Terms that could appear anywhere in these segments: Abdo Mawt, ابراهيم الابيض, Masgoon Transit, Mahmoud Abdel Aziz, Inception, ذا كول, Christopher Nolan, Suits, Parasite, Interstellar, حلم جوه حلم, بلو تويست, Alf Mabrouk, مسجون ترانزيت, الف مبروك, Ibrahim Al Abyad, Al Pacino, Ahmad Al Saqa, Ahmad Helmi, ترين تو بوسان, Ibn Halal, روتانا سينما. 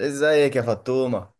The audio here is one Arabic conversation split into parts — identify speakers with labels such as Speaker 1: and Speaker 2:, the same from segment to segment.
Speaker 1: ازيك يا فطومة؟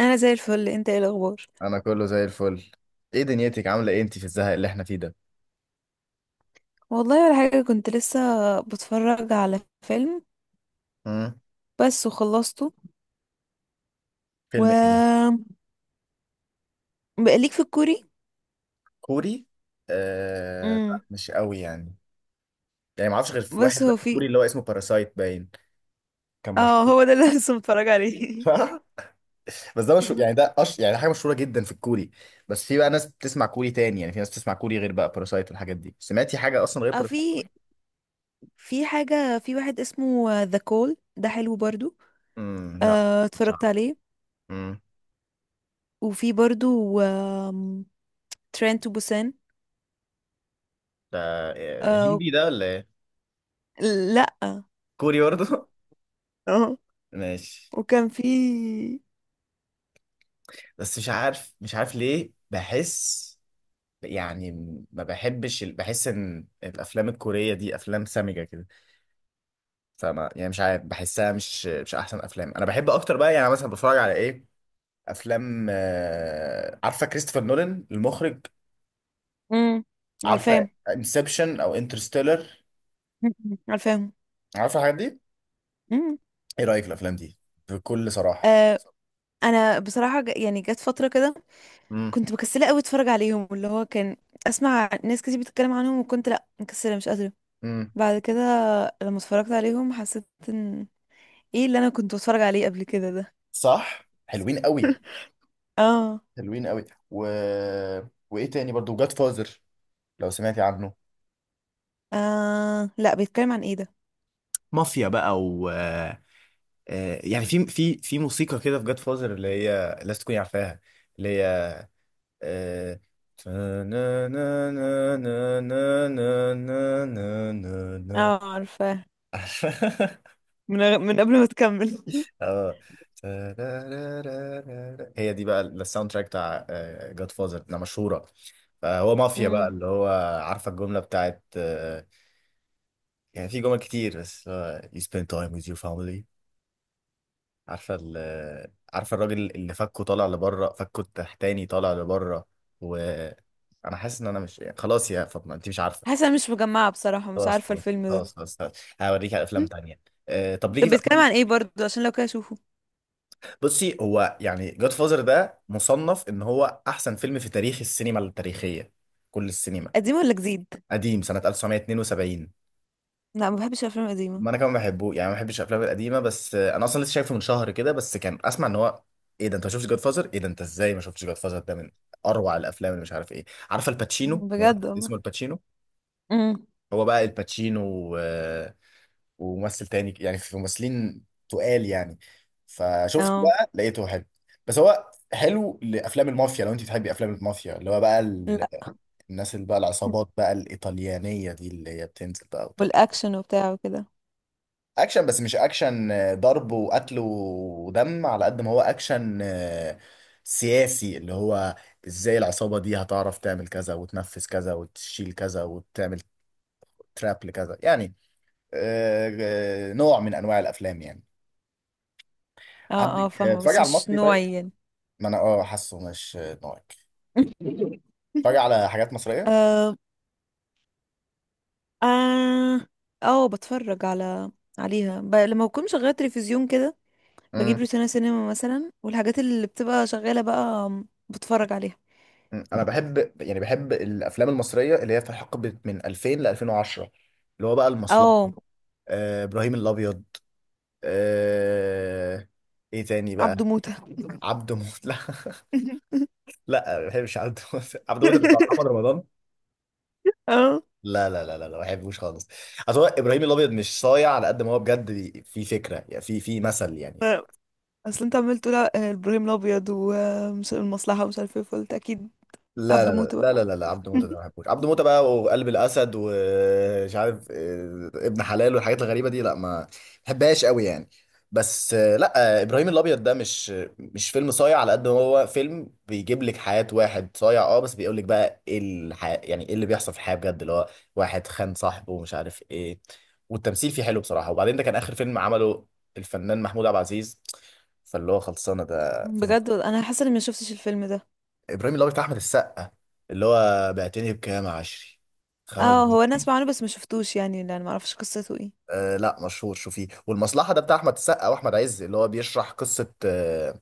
Speaker 2: انا زي الفل، انت ايه الاخبار؟
Speaker 1: انا كله زي الفل. ايه دنيتك؟ عاملة ايه انت في الزهق اللي احنا فيه ده؟
Speaker 2: والله ولا حاجه، كنت لسه بتفرج على فيلم
Speaker 1: امم
Speaker 2: بس وخلصته.
Speaker 1: فيلم ايه ده؟
Speaker 2: و بقى ليك في الكوري؟
Speaker 1: كوري؟
Speaker 2: امم
Speaker 1: لا، مش قوي يعني. يعني ما اعرفش غير في
Speaker 2: بس
Speaker 1: واحد بس
Speaker 2: هو في.
Speaker 1: كوري اللي هو اسمه باراسايت، باين كان
Speaker 2: اه،
Speaker 1: مشهور.
Speaker 2: هو ده اللي لسه متفرج عليه.
Speaker 1: بس ده مشهور، يعني ده يعني ده حاجة مشهورة جدا في الكوري. بس في بقى ناس بتسمع كوري تاني، يعني في ناس بتسمع كوري غير بقى باراسايت والحاجات دي؟ سمعتي حاجة اصلا غير
Speaker 2: اه،
Speaker 1: باراسايت؟
Speaker 2: في حاجه، في واحد اسمه ذا كول، ده حلو برضو.
Speaker 1: امم، لا.
Speaker 2: آه
Speaker 1: مش عارف.
Speaker 2: اتفرجت عليه.
Speaker 1: امم.
Speaker 2: وفي برضو ترين تو بوسان.
Speaker 1: ده إيه،
Speaker 2: آه.
Speaker 1: هندي ده ولا ايه؟
Speaker 2: لا.
Speaker 1: كوري برضه؟
Speaker 2: اه.
Speaker 1: ماشي.
Speaker 2: وكان في.
Speaker 1: بس مش عارف ليه بحس، يعني ما بحبش ال- بحس ان الافلام الكوريه دي افلام سامجه كده، فما يعني مش عارف، بحسها مش احسن افلام. انا بحب اكتر بقى يعني مثلا بتفرج على ايه؟ افلام، عارفه كريستوفر نولان المخرج؟
Speaker 2: امم
Speaker 1: عارفه
Speaker 2: عارفاهم،
Speaker 1: انسبشن او انترستيلر؟
Speaker 2: عارفاهم.
Speaker 1: عارفه الحاجات دي؟
Speaker 2: مم.
Speaker 1: ايه رايك في الافلام دي بكل صراحه؟
Speaker 2: آه، انا بصراحه يعني جت فتره كده
Speaker 1: امم
Speaker 2: كنت مكسله قوي اتفرج عليهم، اللي هو كان اسمع ناس كتير بتتكلم عنهم، وكنت لا مكسله مش قادره.
Speaker 1: امم،
Speaker 2: بعد كده لما اتفرجت عليهم حسيت ان ايه اللي انا كنت بتفرج عليه قبل كده ده.
Speaker 1: صح، حلوين قوي،
Speaker 2: اه.
Speaker 1: حلوين قوي. و... وايه تاني برضو؟ جاد فازر، لو سمعتي عنه.
Speaker 2: اه لا، بيتكلم عن ايه ده؟
Speaker 1: مافيا بقى، و آه، آه، يعني في موسيقى كده في جاد فازر اللي هي لازم تكوني عارفاها، اللي هي آه، تا- نا- نا- نا- نا- نا- نا- نا- نا- نا- نا.
Speaker 2: اه عارفاه. من قبل ما تكمل.
Speaker 1: اه، تا- را- را- را- را- را. هي دي بقى الساوند تراك بتاع جاد فازر ده، مشهوره. فهو مافيا بقى
Speaker 2: امم.
Speaker 1: اللي هو، عارفه الجمله بتاعت يعني في جمل كتير بس، you spend time with your family. عارفه عارفه الراجل اللي فكه طالع لبره، فكه التحتاني طالع لبره. و انا حاسس ان انا مش يعني، خلاص يا فاطمه، انت مش عارفه.
Speaker 2: حاسه أنا مش مجمعه بصراحه، مش
Speaker 1: خلاص
Speaker 2: عارفه
Speaker 1: خلاص
Speaker 2: الفيلم ده.
Speaker 1: خلاص خلاص خلاص. هوريك على افلام تانية. طب ليكي
Speaker 2: طب
Speaker 1: في
Speaker 2: بيتكلم
Speaker 1: افلام؟
Speaker 2: عن ايه برضو عشان لو كده اشوفه؟
Speaker 1: بصي، هو يعني جاد فازر ده مصنف ان هو احسن فيلم في تاريخ السينما التاريخيه، كل السينما.
Speaker 2: قديم ولا جديد؟
Speaker 1: قديم، سنه 1972.
Speaker 2: لا، ما بحبش الافلام القديمه.
Speaker 1: ما انا كمان بحبه يعني ما بحبش الافلام القديمه، بس انا اصلا لسه شايفه من شهر كده، بس كان اسمع ان هو، ايه ده انت ما شفتش جاد فازر؟ ايه ده انت ازاي ما شفتش جاد فازر؟ ده من اروع الافلام اللي مش عارف ايه. عارفه الباتشينو، ممثل
Speaker 2: بجد والله.
Speaker 1: اسمه الباتشينو؟
Speaker 2: امم.
Speaker 1: هو بقى الباتشينو، وممثل تاني، يعني في ممثلين تقال يعني. فشفت
Speaker 2: اه.
Speaker 1: بقى لقيته حلو. بس هو حلو لافلام المافيا، لو انت بتحبي افلام المافيا، اللي هو بقى
Speaker 2: لا.
Speaker 1: الناس اللي بقى العصابات بقى الايطاليانيه دي اللي هي بتنزل بقى وتعمل
Speaker 2: والاكشن وبتاع وكده.
Speaker 1: اكشن. بس مش اكشن ضرب وقتل ودم على قد ما هو اكشن سياسي، اللي هو ازاي العصابة دي هتعرف تعمل كذا وتنفذ كذا وتشيل كذا وتعمل تراب لكذا يعني. نوع من انواع الافلام يعني.
Speaker 2: اه. اه
Speaker 1: عندك،
Speaker 2: فاهمه،
Speaker 1: اتفرج
Speaker 2: بس
Speaker 1: على
Speaker 2: مش
Speaker 1: المصري طيب.
Speaker 2: نوعي يعني.
Speaker 1: ما انا اه حاسه مش نوعك. اتفرج على حاجات مصرية.
Speaker 2: اه. اه. بتفرج على عليها لما بكون شغاله تلفزيون كده بجيب
Speaker 1: امم.
Speaker 2: روتانا سينما مثلا، والحاجات اللي بتبقى شغاله بقى بتفرج عليها.
Speaker 1: انا بحب يعني، بحب الافلام المصرية اللي هي في حقبة من 2000 ل 2010، اللي هو بقى المصلحة،
Speaker 2: اه.
Speaker 1: ابراهيم الابيض، آه... ايه تاني بقى؟
Speaker 2: عبده موته.
Speaker 1: عبده موت. لا، لا، ما بحبش عبده موت. عبده موت اللي بتاع محمد رمضان؟
Speaker 2: اه.
Speaker 1: لا لا لا لا لا، ما بحبوش خالص. اصل هو ابراهيم الابيض مش صايع على قد ما هو بجد في فكره، يعني في مثل يعني.
Speaker 2: اصل انت عمال تقول ابراهيم الابيض والمصلحه ومش عارف ايه، فقلت اكيد
Speaker 1: لا
Speaker 2: عبده
Speaker 1: لا
Speaker 2: موته
Speaker 1: لا
Speaker 2: بقى.
Speaker 1: لا لا لا، عبد موتة ده ما بحبوش. عبد موتة بقى وقلب الاسد ومش عارف ابن حلال والحاجات الغريبه دي، لا، ما بحبهاش قوي يعني. بس لا، ابراهيم الابيض ده مش فيلم صايع على قد ما هو فيلم بيجيب لك حياه واحد صايع، اه بس بيقول لك بقى ايه الحياه، يعني ايه اللي بيحصل في الحياه بجد، اللي هو واحد خان صاحبه ومش عارف ايه. والتمثيل فيه حلو بصراحه، وبعدين ده كان اخر فيلم عمله الفنان محمود عبد العزيز، فاللي هو خلصانه ده فيلم
Speaker 2: بجد انا حاسه اني ما شفتش الفيلم ده.
Speaker 1: ابراهيم الابيض بتاع احمد السقا، اللي هو بعتني بكام يا عشري؟ خمس
Speaker 2: اه هو انا
Speaker 1: بنات
Speaker 2: اسمع عنه بس ما شفتوش، يعني لان ما اعرفش قصته ايه.
Speaker 1: آه لا، مشهور، شوفيه. والمصلحه ده بتاع احمد السقا واحمد عز، اللي هو بيشرح قصه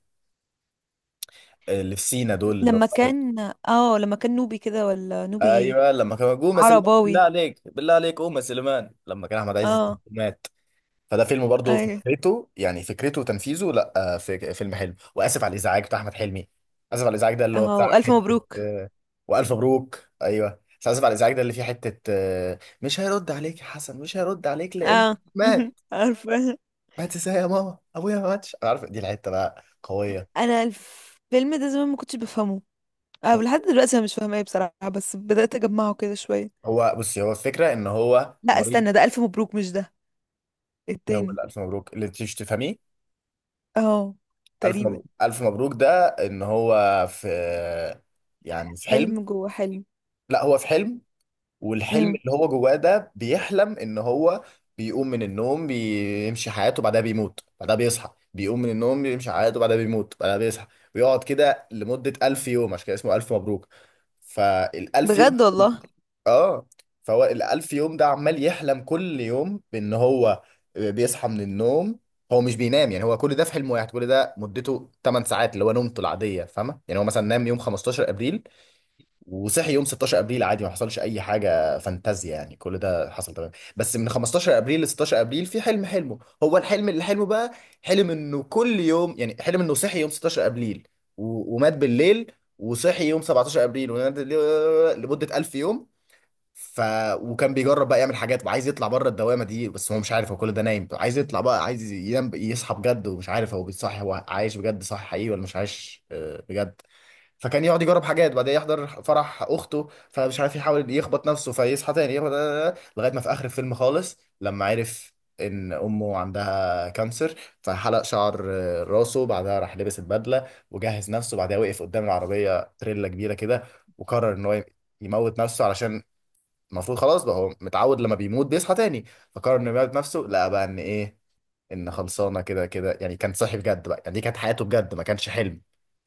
Speaker 1: اللي في سينا دول، اللي
Speaker 2: لما
Speaker 1: هو
Speaker 2: كان. اه لما كان نوبي كده، ولا نوبي ايه؟
Speaker 1: ايوه لما كان قوم يا سليمان، بالله
Speaker 2: عرباوي.
Speaker 1: عليك بالله عليك قوم يا سليمان، لما كان احمد عز
Speaker 2: اه.
Speaker 1: مات. فده فيلم برضه
Speaker 2: ايوه.
Speaker 1: فكرته، يعني فكرته وتنفيذه لا، فيلم حلو. واسف على الازعاج بتاع احمد حلمي، اسف على الازعاج ده اللي هو بتاع
Speaker 2: اه الف
Speaker 1: حته
Speaker 2: مبروك.
Speaker 1: والف مبروك، ايوه. بس اسف على الازعاج ده اللي فيه حته مش هيرد عليك يا حسن، مش هيرد عليك لان
Speaker 2: اه
Speaker 1: مات.
Speaker 2: عارفه.
Speaker 1: مات ازاي يا ماما، ابويا ما ماتش. انا عارف دي الحته بقى قويه.
Speaker 2: انا الفيلم ده زمان ما كنتش بفهمه. اه لحد دلوقتي انا مش فاهمه ايه بصراحه، بس بدات اجمعه كده شويه.
Speaker 1: هو بصي، هو الفكره ان هو
Speaker 2: لا
Speaker 1: مريض.
Speaker 2: استنى، ده الف مبروك مش ده،
Speaker 1: هو
Speaker 2: التاني.
Speaker 1: اللي الف مبروك اللي تيجي تفهميه.
Speaker 2: اه.
Speaker 1: الف
Speaker 2: تقريبا.
Speaker 1: مبروك، الف مبروك ده ان هو في، يعني في حلم.
Speaker 2: حلم جوه حلم.
Speaker 1: لا، هو في حلم، والحلم
Speaker 2: امم.
Speaker 1: اللي هو جواه ده بيحلم ان هو بيقوم من النوم، بيمشي حياته بعدها، بيموت بعدها، بيصحى، بيقوم من النوم، بيمشي حياته بعدها، بيموت بعدها، بيصحى، ويقعد كده لمدة 1000 يوم. عشان كده اسمه ألف مبروك. فالألف يوم،
Speaker 2: بجد والله.
Speaker 1: اه، فهو ال 1000 يوم ده عمال يحلم كل يوم بإن هو بيصحى من النوم. هو مش بينام يعني، هو كل ده في حلم واحد، كل ده مدته 8 ساعات اللي هو نومته العادية، فاهمة؟ يعني هو مثلا نام يوم 15 أبريل وصحي يوم 16 ابريل عادي، ما حصلش اي حاجه فانتازيا يعني، كل ده حصل تمام. بس من 15 ابريل ل 16 ابريل في حلم حلمه هو، الحلم اللي حلمه بقى، حلم انه كل يوم، يعني حلم انه صحي يوم 16 ابريل، ومات بالليل، وصحي يوم 17 ابريل، ونام بالليل لمده 1000 يوم. ف وكان بيجرب بقى يعمل حاجات وعايز يطلع بره الدوامه دي، بس هو مش عارف هو كل ده نايم. عايز يطلع بقى، عايز ينام يصحى بجد، ومش عارف هو بيصحي هو عايش بجد صح، حقيقي، ولا مش عايش بجد. فكان يقعد يجرب حاجات، بعدين يحضر فرح اخته، فمش عارف يحاول يخبط نفسه فيصحى تاني، يخبط لغايه ما في اخر الفيلم خالص لما عرف ان امه عندها كانسر. فحلق شعر راسه، بعدها راح لبس البدله وجهز نفسه، بعدها وقف قدام العربيه تريلا كبيره كده، وقرر ان هو يموت نفسه، علشان المفروض خلاص بقى هو متعود لما بيموت بيصحى تاني. فقرر انه يموت نفسه، لقى بقى ان ايه، ان خلصانه كده كده يعني، كان صاحي بجد بقى، يعني دي كانت حياته بجد، ما كانش حلم.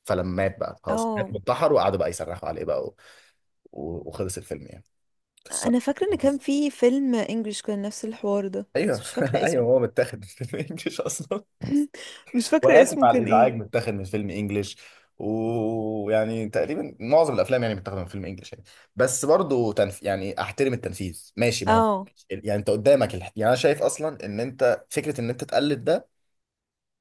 Speaker 1: فلما مات بقى، خلاص، مات
Speaker 2: اه.
Speaker 1: وانتحر، وقعدوا بقى يصرخوا عليه بقى وخلص الفيلم يعني. قصه.
Speaker 2: انا فاكره ان كان في فيلم انجلش كان نفس الحوار ده، بس
Speaker 1: ايوه.
Speaker 2: مش فاكره
Speaker 1: ايوه،
Speaker 2: اسمه.
Speaker 1: هو متاخد من فيلم انجلش اصلا.
Speaker 2: مش فاكره
Speaker 1: واسف
Speaker 2: اسمه
Speaker 1: على
Speaker 2: كان
Speaker 1: الازعاج
Speaker 2: ايه.
Speaker 1: متاخد من فيلم انجلش. ويعني تقريبا معظم الافلام يعني متاخده من فيلم انجلش يعني، بس برضه يعني احترم التنفيذ، ماشي، ما هو
Speaker 2: اه.
Speaker 1: يعني انت قدامك يعني انا شايف اصلا ان انت فكره ان انت تقلد ده،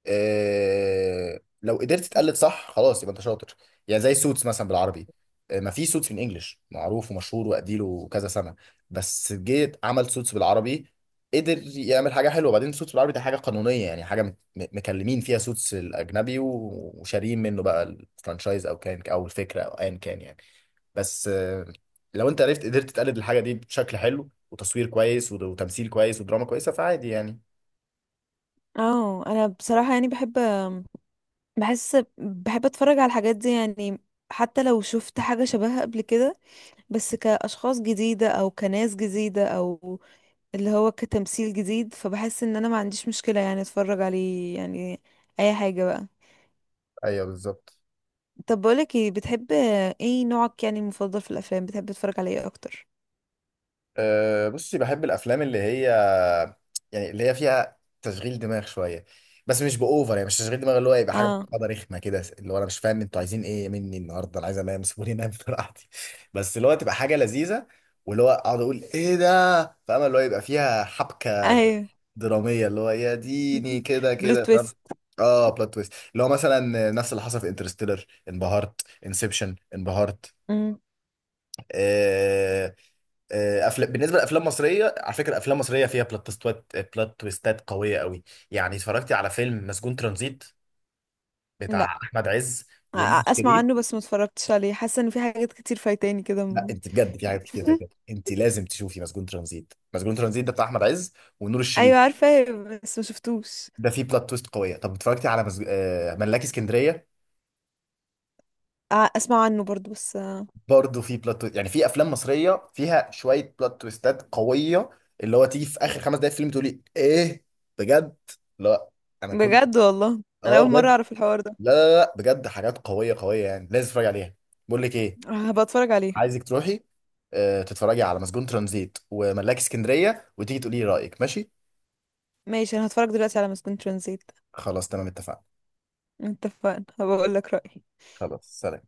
Speaker 1: لو قدرت تقلد صح، خلاص يبقى انت شاطر. يعني زي سوتس مثلا بالعربي، ما في سوتس بالانجلش معروف ومشهور واديله كذا سنه، بس جيت عمل سوتس بالعربي. قدر يعمل حاجه حلوه. بعدين سوتس بالعربي ده حاجه قانونيه، يعني حاجه مكلمين فيها سوتس الاجنبي وشاريين منه بقى الفرانشايز او كان، او الفكره او ايا كان يعني. بس لو انت عرفت قدرت تقلد الحاجه دي بشكل حلو، وتصوير كويس وتمثيل كويس ودراما كويسه، فعادي يعني.
Speaker 2: اه انا بصراحة يعني بحب، بحب اتفرج على الحاجات دي يعني، حتى لو شفت حاجة شبهها قبل كده، بس كأشخاص جديدة او كناس جديدة او اللي هو كتمثيل جديد، فبحس ان انا ما عنديش مشكلة يعني اتفرج عليه يعني، اي حاجة بقى.
Speaker 1: ايوه، بالظبط.
Speaker 2: طب بقولك ايه، بتحب ايه؟ نوعك يعني المفضل في الافلام بتحب تتفرج على ايه اكتر؟
Speaker 1: أه بصي، بحب الافلام اللي هي، يعني اللي هي فيها تشغيل دماغ شويه، بس مش باوفر. يعني مش تشغيل دماغ اللي هو يبقى حاجه
Speaker 2: اه.
Speaker 1: معقده رخمه كده، اللي هو انا مش فاهم انتوا عايزين ايه مني النهارده، انا عايز انام، سيبوني انام براحتي. بس اللي هو تبقى حاجه لذيذه، واللي هو اقعد اقول ايه ده، فاهم؟ اللي هو يبقى فيها حبكه
Speaker 2: ايوه.
Speaker 1: دراميه، اللي هو يا ديني كده
Speaker 2: بلو
Speaker 1: كده، فاهم؟
Speaker 2: تويست.
Speaker 1: اه، بلوت تويست، اللي هو مثلا نفس اللي حصل في انترستيلر، انبهرت، انسبشن، انبهرت.
Speaker 2: مم.
Speaker 1: آه، افلام، بالنسبه لافلام مصريه على فكره، افلام مصريه فيها بلوت تويستات، بلوت تويستات قويه قوي. يعني اتفرجتي على فيلم مسجون ترانزيت بتاع
Speaker 2: لا.
Speaker 1: احمد عز
Speaker 2: أ-
Speaker 1: ونور
Speaker 2: اسمع
Speaker 1: شريف؟
Speaker 2: عنه بس ما اتفرجتش عليه، حاسة ان في حاجات كتير فايتاني
Speaker 1: لا،
Speaker 2: كده.
Speaker 1: انت بجد في حاجات كتير فاتت، انت لازم تشوفي مسجون ترانزيت. مسجون ترانزيت ده بتاع احمد عز ونور الشريف.
Speaker 2: ايوه عارفه، بس ما شفتوش.
Speaker 1: ده فيه بلوت تويست قويه. طب اتفرجتي على مزج... آه، ملاكي اسكندريه؟
Speaker 2: ع- اسمع عنه برضو، بس آه،
Speaker 1: برضه فيه بلوت تويست، يعني في افلام مصريه فيها شويه بلوت تويستات قويه، اللي هو تيجي في اخر 5 دقايق فيلم تقولي ايه؟ بجد، لا، انا كل،
Speaker 2: بجد والله انا
Speaker 1: اه
Speaker 2: اول مره
Speaker 1: بجد،
Speaker 2: اعرف الحوار ده.
Speaker 1: لا لا لا بجد، حاجات قويه قويه يعني، لازم تتفرج عليها. بقول لك ايه،
Speaker 2: هبقى اتفرج عليه.
Speaker 1: عايزك تروحي تتفرجي على مسجون ترانزيت وملاك اسكندريه، وتيجي تقولي لي رايك، ماشي؟
Speaker 2: ماشي، انا هتفرج دلوقتي على مسجون ترانزيت.
Speaker 1: خلاص تمام، اتفقنا.
Speaker 2: اتفقنا، هبقى اقول لك رايي.
Speaker 1: خلاص، سلام.